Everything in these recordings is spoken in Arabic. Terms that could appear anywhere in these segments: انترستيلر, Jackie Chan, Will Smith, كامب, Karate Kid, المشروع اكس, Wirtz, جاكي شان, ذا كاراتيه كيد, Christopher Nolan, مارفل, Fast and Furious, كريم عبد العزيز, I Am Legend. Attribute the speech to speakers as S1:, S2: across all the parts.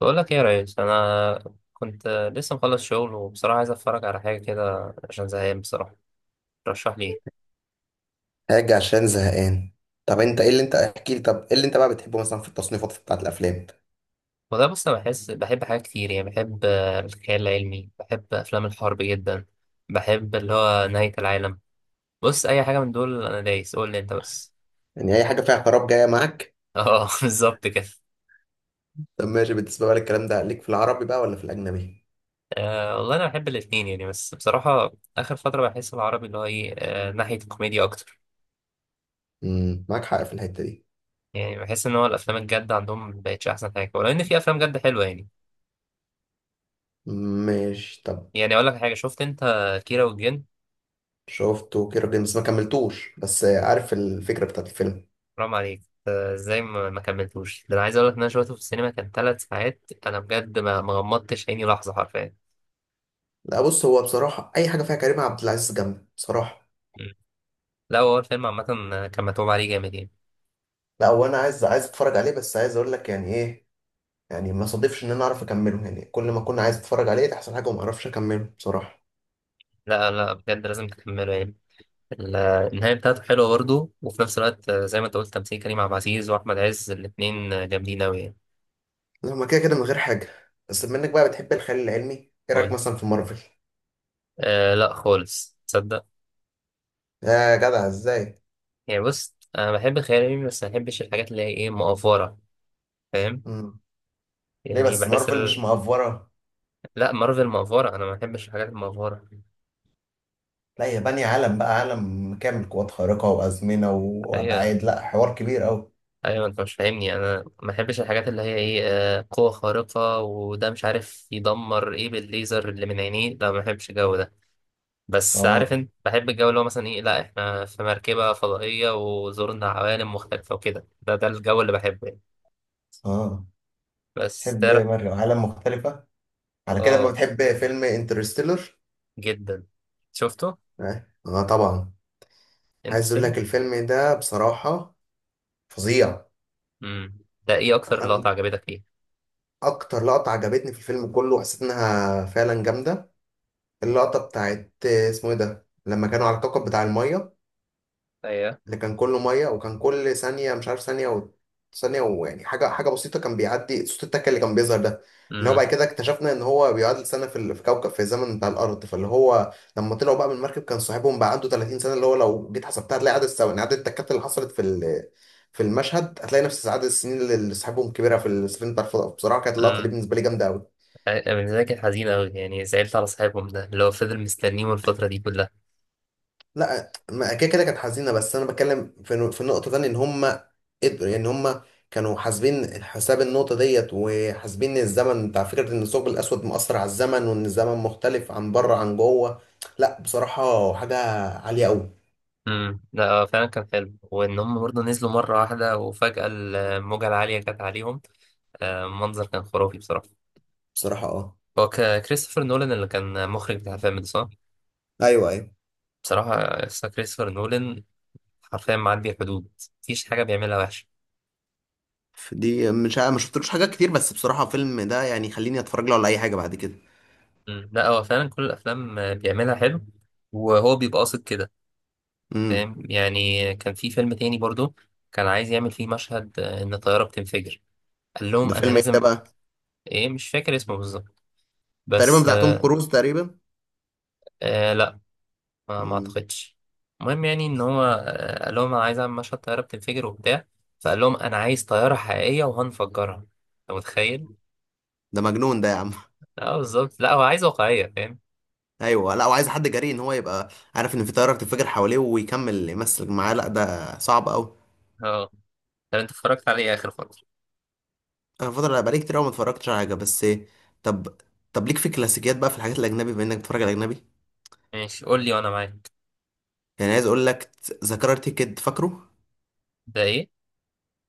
S1: بقول لك ايه يا ريس، انا كنت لسه مخلص شغل وبصراحه عايز اتفرج على حاجه كده عشان زهقان. بصراحه رشح لي ايه؟
S2: حاجة عشان زهقان. طب انت ايه اللي انت احكي لي؟ طب ايه اللي انت بقى بتحبه مثلا في التصنيفات بتاعت الافلام؟
S1: وده بص، انا بحس بحب حاجات كتير، يعني بحب الخيال العلمي، بحب افلام الحرب جدا، بحب اللي هو نهايه العالم. بص، اي حاجه من دول انا دايس، قول لي انت بس.
S2: يعني اي حاجة فيها خراب جاية معاك.
S1: اه، بالظبط كده.
S2: طب ماشي، بالنسبة بقى للكلام ده ليك في العربي بقى ولا في الاجنبي؟
S1: أه والله، انا بحب الاتنين يعني، بس بصراحه اخر فتره بحس العربي اللي هو ايه ناحيه الكوميديا اكتر.
S2: معاك حق في الحتة دي.
S1: يعني بحس ان هو الافلام الجد عندهم مبقتش احسن حاجه، ولو ان في افلام جد حلوه يعني.
S2: ماشي طب.
S1: يعني اقول لك حاجه، شفت انت كيرة والجن؟
S2: شفته، كيرة جيمس ما كملتوش بس عارف الفكرة بتاعت الفيلم.
S1: حرام عليك. ازاي ما كملتوش؟ ده انا عايز اقول لك ان انا شفته في السينما، كان ثلاث ساعات، انا بجد ما غمضتش عيني لحظه حرفيا.
S2: لا بص، هو بصراحة اي حاجة فيها كريم عبد العزيز جامد بصراحة.
S1: مم. لا هو الفيلم عامه كان متعوب عليه جامد يعني.
S2: لا، وانا عايز اتفرج عليه بس عايز اقول لك يعني ايه، يعني ما صادفش ان انا اعرف اكمله، يعني كل ما كنت عايز اتفرج عليه تحصل حاجة وما اعرفش اكمله بصراحة.
S1: لا، لا، بجد لازم تكمله يعني. ال- النهايه بتاعته حلوه برضه، وفي نفس الوقت زي ما انت قلت تمثيل كريم عبد العزيز واحمد عز، الاثنين جامدين قوي يعني.
S2: لا، ما كده كده من غير حاجة، بس بما انك بقى بتحب الخيال العلمي، ايه رأيك
S1: قول.
S2: مثلا في مارفل؟
S1: آه، لا خالص، تصدق؟
S2: يا جدع ازاي!
S1: يعني بص، انا بحب الخيال العلمي، بس ما بحبش الحاجات اللي هي ايه مقفره، فاهم؟
S2: مم. ليه
S1: يعني
S2: بس
S1: بحس.
S2: مارفل مش مأفورة؟
S1: لا، مارفل مأفورة. أنا ما بحبش الحاجات المأفورة.
S2: لا، هي بانية عالم بقى، عالم كامل، قوات خارقة وأزمنة
S1: أيوة،
S2: وأبعاد، لا حوار كبير أوي.
S1: أيوة، أنت مش فاهمني، أنا ما بحبش الحاجات اللي هي إيه. قوة خارقة وده مش عارف يدمر إيه بالليزر اللي من عينيه. لا، ما بحبش الجو ده. بس عارف
S2: اه،
S1: أنت بحب الجو اللي هو مثلا إيه، لا إحنا في مركبة فضائية وزورنا عوالم مختلفة وكده، ده الجو اللي بحبه يعني.
S2: اه،
S1: بس
S2: تحب
S1: ترى.
S2: مارفل عالم مختلفة، على كده ما
S1: آه،
S2: بتحب فيلم انترستيلر؟
S1: جدا شفته.
S2: اه، طبعا.
S1: أنت
S2: عايز اقول
S1: ستيل؟
S2: لك الفيلم ده بصراحة فظيع.
S1: امم ده إيه أكتر لقطة
S2: أنا
S1: عجبتك فيه؟
S2: اكتر لقطة عجبتني في الفيلم كله وحسيت انها فعلا جامدة، اللقطة بتاعت اسمه ايه ده لما كانوا على الكوكب بتاع المية،
S1: ايوه.
S2: اللي كان كله مية وكان كل ثانية مش عارف ثانية ويعني حاجة حاجة بسيطة كان بيعدي صوت التكة اللي كان بيظهر ده، اللي هو بعد كده اكتشفنا ان هو بيعادل سنة في كوكب، في الزمن بتاع الأرض، فاللي هو لما طلعوا بقى من المركب كان صاحبهم بقى عنده 30 سنة، اللي هو لو جيت حسبتها هتلاقي عدد الثواني، عدد التكات اللي حصلت في المشهد هتلاقي نفس عدد السنين اللي صاحبهم كبيرة في السفينة بتاع الفضاء. بصراحة كانت اللقطة دي
S1: امم.
S2: بالنسبة لي جامدة أوي.
S1: أنا بالنسبة لي كانت حزينة أوي، يعني زعلت على صاحبهم ده اللي هو فضل مستنيهم الفترة دي كلها.
S2: لا ما كده كده كانت حزينه، بس انا بتكلم في النقطه تانية، ان هم قدروا، يعني هم كانوا حاسبين حساب النقطه ديت وحاسبين الزمن بتاع فكره ان الثقب الاسود مؤثر على الزمن وان الزمن مختلف عن بره عن جوه. لا بصراحه حاجه عاليه قوي.
S1: لا هو فعلا كان حلو، وإن هم برضه نزلوا مرة واحدة وفجأة الموجة العالية جت عليهم. المنظر كان خرافي بصراحة.
S2: بصراحه اه.
S1: هو كريستوفر نولان اللي كان مخرج بتاع الفيلم ده، صح؟
S2: ايوه ايوه.
S1: بصراحة قصة كريستوفر نولان حرفيا معدي الحدود، مفيش حاجة بيعملها وحشة.
S2: دي مش عا- ما شفتلوش حاجات كتير، بس بصراحه فيلم ده يعني خليني اتفرج له على اي حاجه بعد كده.
S1: لا هو فعلا كل الأفلام بيعملها حلو، وهو بيبقى قاصد كده.
S2: امم،
S1: فاهم؟ يعني كان في فيلم تاني برضه، كان عايز يعمل فيه مشهد إن الطيارة بتنفجر. قال لهم
S2: ده
S1: انا
S2: فيلم ايه ده
S1: لازم.
S2: بقى؟
S1: ايه، مش فاكر اسمه بالظبط،
S2: تقريبا
S1: بس.
S2: بتاع توم كروز تقريبا.
S1: آه، لا ما
S2: امم.
S1: اعتقدش. المهم يعني ان هو قال لهم انا عايز اعمل مشهد طياره بتنفجر وبتاع. فقال لهم انا عايز طياره حقيقيه وهنفجرها. انت متخيل؟
S2: ده مجنون ده يا عم!
S1: اه، بالظبط، لا هو عايز واقعيه، فاهم.
S2: ايوه، لا وعايز حد جريء ان هو يبقى عارف ان في طياره بتنفجر حواليه ويكمل يمثل معاه، لا ده صعب قوي.
S1: اه، طب انت اتفرجت عليه اخر فتره؟
S2: انا الفتره اللي بقالي كتير قوي ما اتفرجتش على حاجه بس. طب، طب ليك في كلاسيكيات بقى في الحاجات الاجنبي بما انك بتتفرج على اجنبي؟
S1: ماشي، قول لي وانا معاك.
S2: يعني عايز اقول لك، ذا كاراتيه كيد فاكره؟
S1: ده ايه؟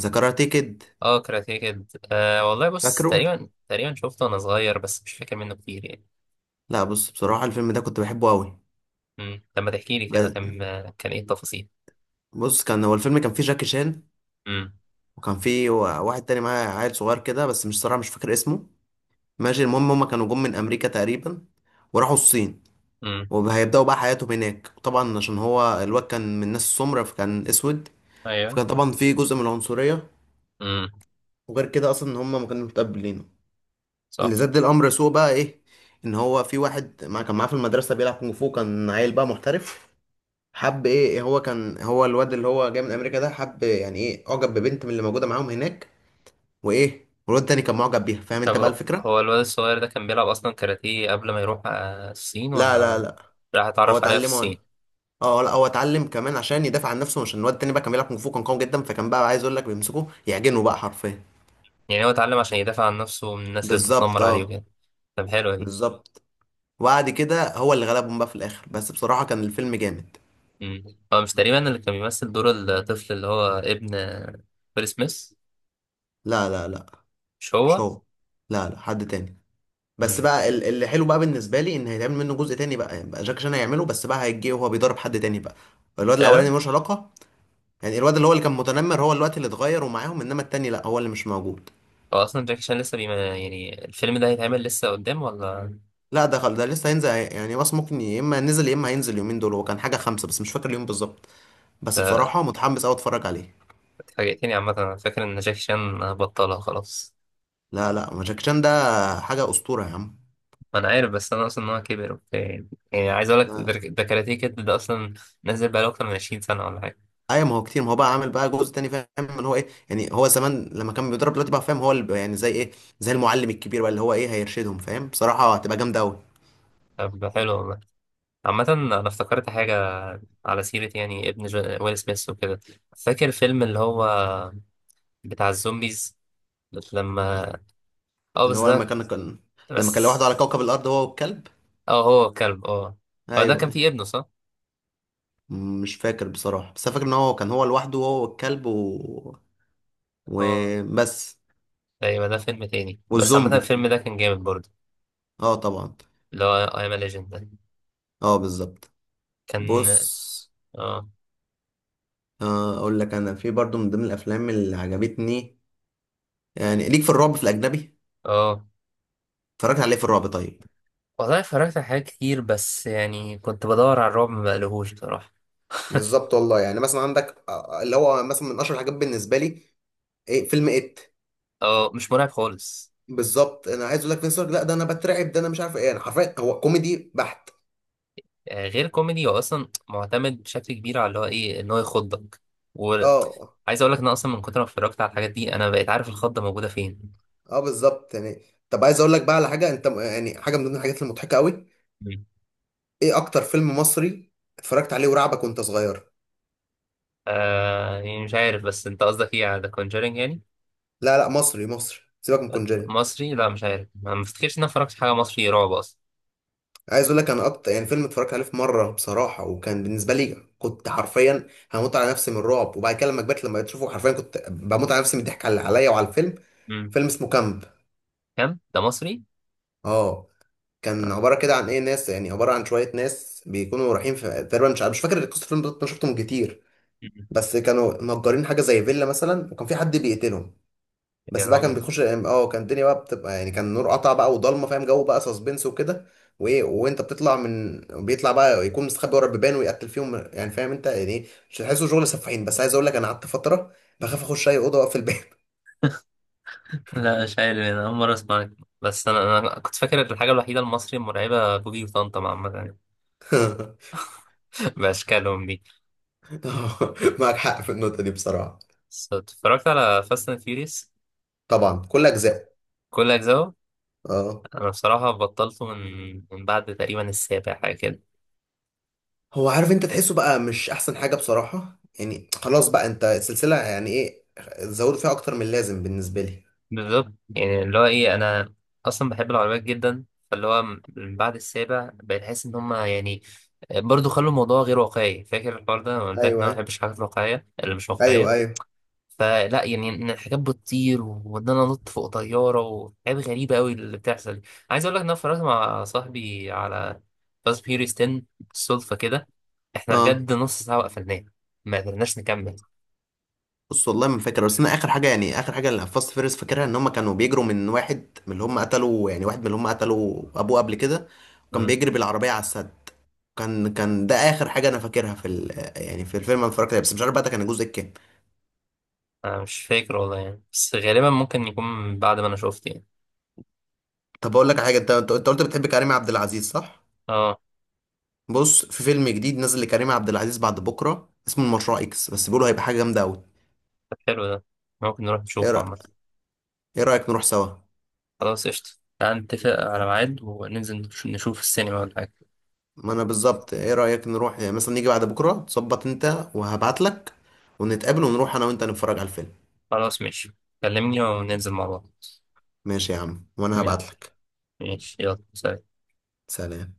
S2: ذا كاراتيه كيد.
S1: اه، كاراتيه كيد، آه والله بص،
S2: فاكره؟
S1: تقريبا تقريبا شفته وانا صغير، بس مش فاكر منه كتير يعني.
S2: لا بص، بصراحه الفيلم ده كنت بحبه قوي.
S1: طب ما تحكي لي كده،
S2: ب-
S1: كان ايه التفاصيل؟
S2: بص، كان هو الفيلم كان فيه جاكي شان،
S1: امم.
S2: وكان فيه واحد تاني معاه عيل صغير كده بس مش صراحه مش فاكر اسمه. ماشي، المهم هما كانوا جم من امريكا تقريبا، وراحوا الصين،
S1: امم.
S2: وهيبداوا بقى حياتهم هناك. طبعا عشان هو الواد كان من ناس سمرة فكان اسود،
S1: ايوه.
S2: فكان طبعا في جزء من العنصرية،
S1: امم.
S2: وغير كده اصلا ان هم ما كانوا متقبلينه. اللي
S1: صح.
S2: زاد الامر سوء بقى ايه، ان هو في واحد مع كان معاه في المدرسة بيلعب كونغ فو، كان عيل بقى محترف. حب ايه، هو كان هو الواد اللي هو جاي من امريكا ده حب يعني ايه، اعجب ببنت من اللي موجودة معاهم هناك، وايه والواد التاني كان معجب بيها. فاهم
S1: طب
S2: انت بقى
S1: هو
S2: الفكرة.
S1: هو الواد الصغير ده كان بيلعب أصلا كاراتيه قبل ما يروح الصين،
S2: لا لا
S1: ولا
S2: لا.
S1: راح
S2: هو
S1: اتعرف عليها في
S2: اتعلمه.
S1: الصين؟
S2: اه، لا هو اتعلم كمان عشان يدافع عن نفسه، مش إن الواد التاني بقى كان بيلعب كونغ فو كان قوي جدا، فكان بقى عايز اقول لك بيمسكوه يعجنه بقى حرفيا.
S1: يعني هو اتعلم عشان يدافع عن نفسه من الناس اللي
S2: بالظبط
S1: بتتنمر عليه
S2: اه.
S1: وكده. طب حلوة دي.
S2: بالظبط، وبعد كده هو اللي غلبهم بقى في الاخر، بس بصراحة كان الفيلم جامد.
S1: مم. هو مش تقريبا اللي كان بيمثل دور الطفل اللي هو ابن ويل سميث؟
S2: لا لا لا.
S1: مش
S2: مش
S1: هو؟
S2: هو. لا لا، حد تاني.
S1: مم.
S2: بس بقى اللي حلو بقى بالنسبة لي ان هيتعمل منه جزء تاني بقى، يعني بقى جاك شان هيعمله بس بقى هيجي وهو بيضرب حد تاني بقى، الواد الاولاني
S1: فعلا.
S2: ملوش علاقة. يعني الواد اللي هو اللي كان متنمر هو الوقت اللي اتغير ومعاهم، انما التاني لا هو اللي مش موجود.
S1: هو أصلا جاكي شان لسه بيما، يعني الفيلم ده هيتعمل لسه قدام ولا؟
S2: لا، ده لسه هينزل يعني، بس ممكن يا اما نزل يا اما هينزل اليومين دول، هو كان حاجه خمسه بس مش فاكر اليوم بالظبط. بس بصراحه متحمس قوي اتفرج عليه.
S1: اتفاجئتني عامة، أنا فاكر إن جاكي شان بطلها خلاص.
S2: لا لا، ما جاكي شان ده حاجه اسطوره يا عم.
S1: ما انا عارف، بس انا اصلا ان هو كبر وبتاع يعني عايز اقول
S2: لا
S1: لك ده.
S2: لا.
S1: ده كاراتيه كيد ده اصلا نازل بقاله اكتر من 20 سنه ولا حاجه.
S2: ايوه ما هو كتير، ما هو بقى عامل بقى جزء تاني، فاهم ان هو ايه؟ يعني هو زمان لما كان بيضرب، دلوقتي بقى فاهم، هو اللي بقى يعني زي ايه، زي المعلم الكبير بقى اللي هو ايه هيرشدهم. فاهم بصراحه هتبقى جامده قوي.
S1: طب ده حلو والله. عامه انا افتكرت حاجه، على سيره يعني ابن ويل سميث وكده. فاكر فيلم اللي هو بتاع الزومبيز؟ لما، اه
S2: اللي
S1: بس
S2: هو لما
S1: ده،
S2: كان لما كان لوحده
S1: بس.
S2: على كوكب الارض هو والكلب.
S1: اه، هو الكلب، اه.
S2: ايوه
S1: هو ده كان
S2: أيوة.
S1: فيه ابنه، صح؟
S2: مش فاكر بصراحه، بس أنا فاكر ان هو كان هو لوحده هو والكلب و...
S1: اه
S2: وبس.
S1: ايوه، ده فيلم تاني، بس عامه
S2: والزومبي.
S1: الفيلم ده كان جامد برضه.
S2: اه طبعا.
S1: اللي هو اي ام ليجند ده،
S2: اه بالظبط.
S1: كان.
S2: بص،
S1: اه.
S2: اقول لك انا في برضو من ضمن الافلام اللي عجبتني، يعني ليك في الرعب في الاجنبي؟
S1: اه
S2: اتفرجت عليه في الرعب طيب.
S1: والله، اتفرجت على حاجات كتير، بس يعني كنت بدور على الرعب ما بقلهوش بصراحة.
S2: بالظبط والله، يعني مثلا عندك اللي هو مثلا من اشهر الحاجات بالنسبه لي، إيه فيلم ات.
S1: اه، مش مرعب خالص.
S2: بالظبط انا عايز اقول لك فينس، لا ده انا بترعب، ده انا مش عارف ايه، انا حرفيا هو كوميدي بحت.
S1: غير كوميدي، هو اصلا معتمد بشكل كبير على اللي هو ايه ان هو يخضك،
S2: اه
S1: وعايز اقول لك ان أنا اصلا من كتر ما اتفرجت على الحاجات دي انا بقيت عارف الخضة موجودة فين.
S2: اه بالظبط يعني. طب عايز اقول لك بقى على حاجه انت، يعني حاجه من ضمن الحاجات المضحكه قوي،
S1: مم.
S2: ايه اكتر فيلم مصري اتفرجت عليه ورعبك وانت صغير؟
S1: آه، يعني مش عارف، بس انت قصدك ايه، على ذا كونجرينج يعني؟
S2: لا لا، مصري مصري، سيبك من كونجري.
S1: مصري؟ لا مش عارف، ما افتكرش ان انا اتفرجت على حاجة مصري رعب اصلا.
S2: عايز اقول لك، انا اكتر يعني فيلم اتفرجت عليه في مره بصراحه وكان بالنسبه لي كنت حرفيا هموت على نفسي من الرعب، وبعد كده لما كبرت لما بتشوفه حرفيا كنت بموت على نفسي من الضحك على عليا وعلى الفيلم.
S1: مم.
S2: فيلم اسمه كامب.
S1: كم ده مصري؟
S2: اه، كان
S1: آه.
S2: عباره كده عن ايه، ناس يعني عباره عن شويه ناس بيكونوا رايحين في، تقريبا مش فاكر قصه الفيلم بالظبط انا شفتهم كتير،
S1: مم.
S2: بس كانوا مأجرين حاجه زي فيلا مثلا وكان في حد بيقتلهم.
S1: يا
S2: بس بقى كان
S1: راجل.
S2: بيخش الام، اه كان الدنيا بقى بتبقى يعني، كان النور قطع بقى وضلمه فاهم، جو بقى سسبنس وكده، وايه وانت بتطلع من بيطلع بقى يكون مستخبي ورا البيبان ويقتل فيهم يعني، فاهم انت يعني ايه مش هتحسه شغل سفاحين، بس عايز اقول لك انا قعدت فتره بخاف اخش اي اوضه واقفل الباب.
S1: لا، مش عارف، انا اول مره اسمعك، بس انا كنت فاكر الحاجه الوحيده المصري المرعبه بوجي وطنطا عامه يعني. باشكالهم دي.
S2: معاك حق في النقطه دي بصراحه.
S1: بس اتفرجت على فاست اند فيوريوس؟
S2: طبعا كل اجزاء.
S1: كل اجزاءه.
S2: اه،
S1: انا بصراحه بطلته من بعد تقريبا السابع، حاجه كده.
S2: هو عارف انت تحسه بقى مش احسن حاجه بصراحه، يعني خلاص بقى انت السلسله يعني ايه، زودوا فيها اكتر من اللازم بالنسبه لي.
S1: بالظبط، يعني اللي هو ايه، انا اصلا بحب العربيات جدا، فاللي هو من بعد السابع بقيت احس ان هم يعني برضه خلوا الموضوع غير واقعي. فاكر الحوار ده، أنا قلت لك ان
S2: ايوه
S1: انا ما
S2: ايوه.
S1: بحبش الحاجات الواقعيه اللي مش
S2: ايوه
S1: واقعيه،
S2: ايوه.
S1: فلا يعني ان الحاجات بتطير وان انا انط فوق طياره وحاجات غريبه قوي اللي بتحصل دي. عايز اقول لك ان انا اتفرجت مع صاحبي على فاست فيوريوس 10 بالصدفه كده، احنا
S2: اه.
S1: بجد نص ساعه وقفلناه، ما قدرناش نكمل.
S2: بص والله ما فاكر، بس انا اخر حاجه، يعني اخر حاجه اللي فاست فيرس فاكرها، ان هم كانوا بيجروا من واحد من اللي هم قتلوا يعني واحد من اللي هم قتلوا ابوه قبل كده، وكان
S1: مم.
S2: بيجري بالعربيه على السد. كان ده اخر حاجه انا فاكرها في ال... يعني في الفيلم انا اتفرجت عليه، بس مش عارف بقى ده كان الجزء الكام.
S1: انا مش فاكر والله يعني، بس غالبا ممكن يكون بعد ما انا شفت يعني.
S2: طب اقول لك على حاجه، انت انت أنت قلت بتحب كريم عبد العزيز صح؟
S1: اه.
S2: بص، في فيلم جديد نزل لكريم عبد العزيز بعد بكره اسمه المشروع اكس، بس بيقولوا هيبقى حاجه جامده قوي.
S1: طب حلو ده، ممكن نروح
S2: ايه
S1: نشوفه
S2: رايك
S1: عامه.
S2: ايه رايك نروح سوا؟
S1: خلاص، قشطه. تعال نتفق على ميعاد وننزل نشوف السينما ولا حاجه.
S2: ما انا بالظبط، ايه رأيك نروح يعني مثلا نيجي بعد بكرة، تظبط انت وهبعتلك، ونتقابل ونروح انا وانت نتفرج على الفيلم.
S1: خلاص ماشي، كلمني وننزل مع بعض.
S2: ماشي يا عم، وانا هبعتلك.
S1: ماشي، يلا سلام.
S2: سلام.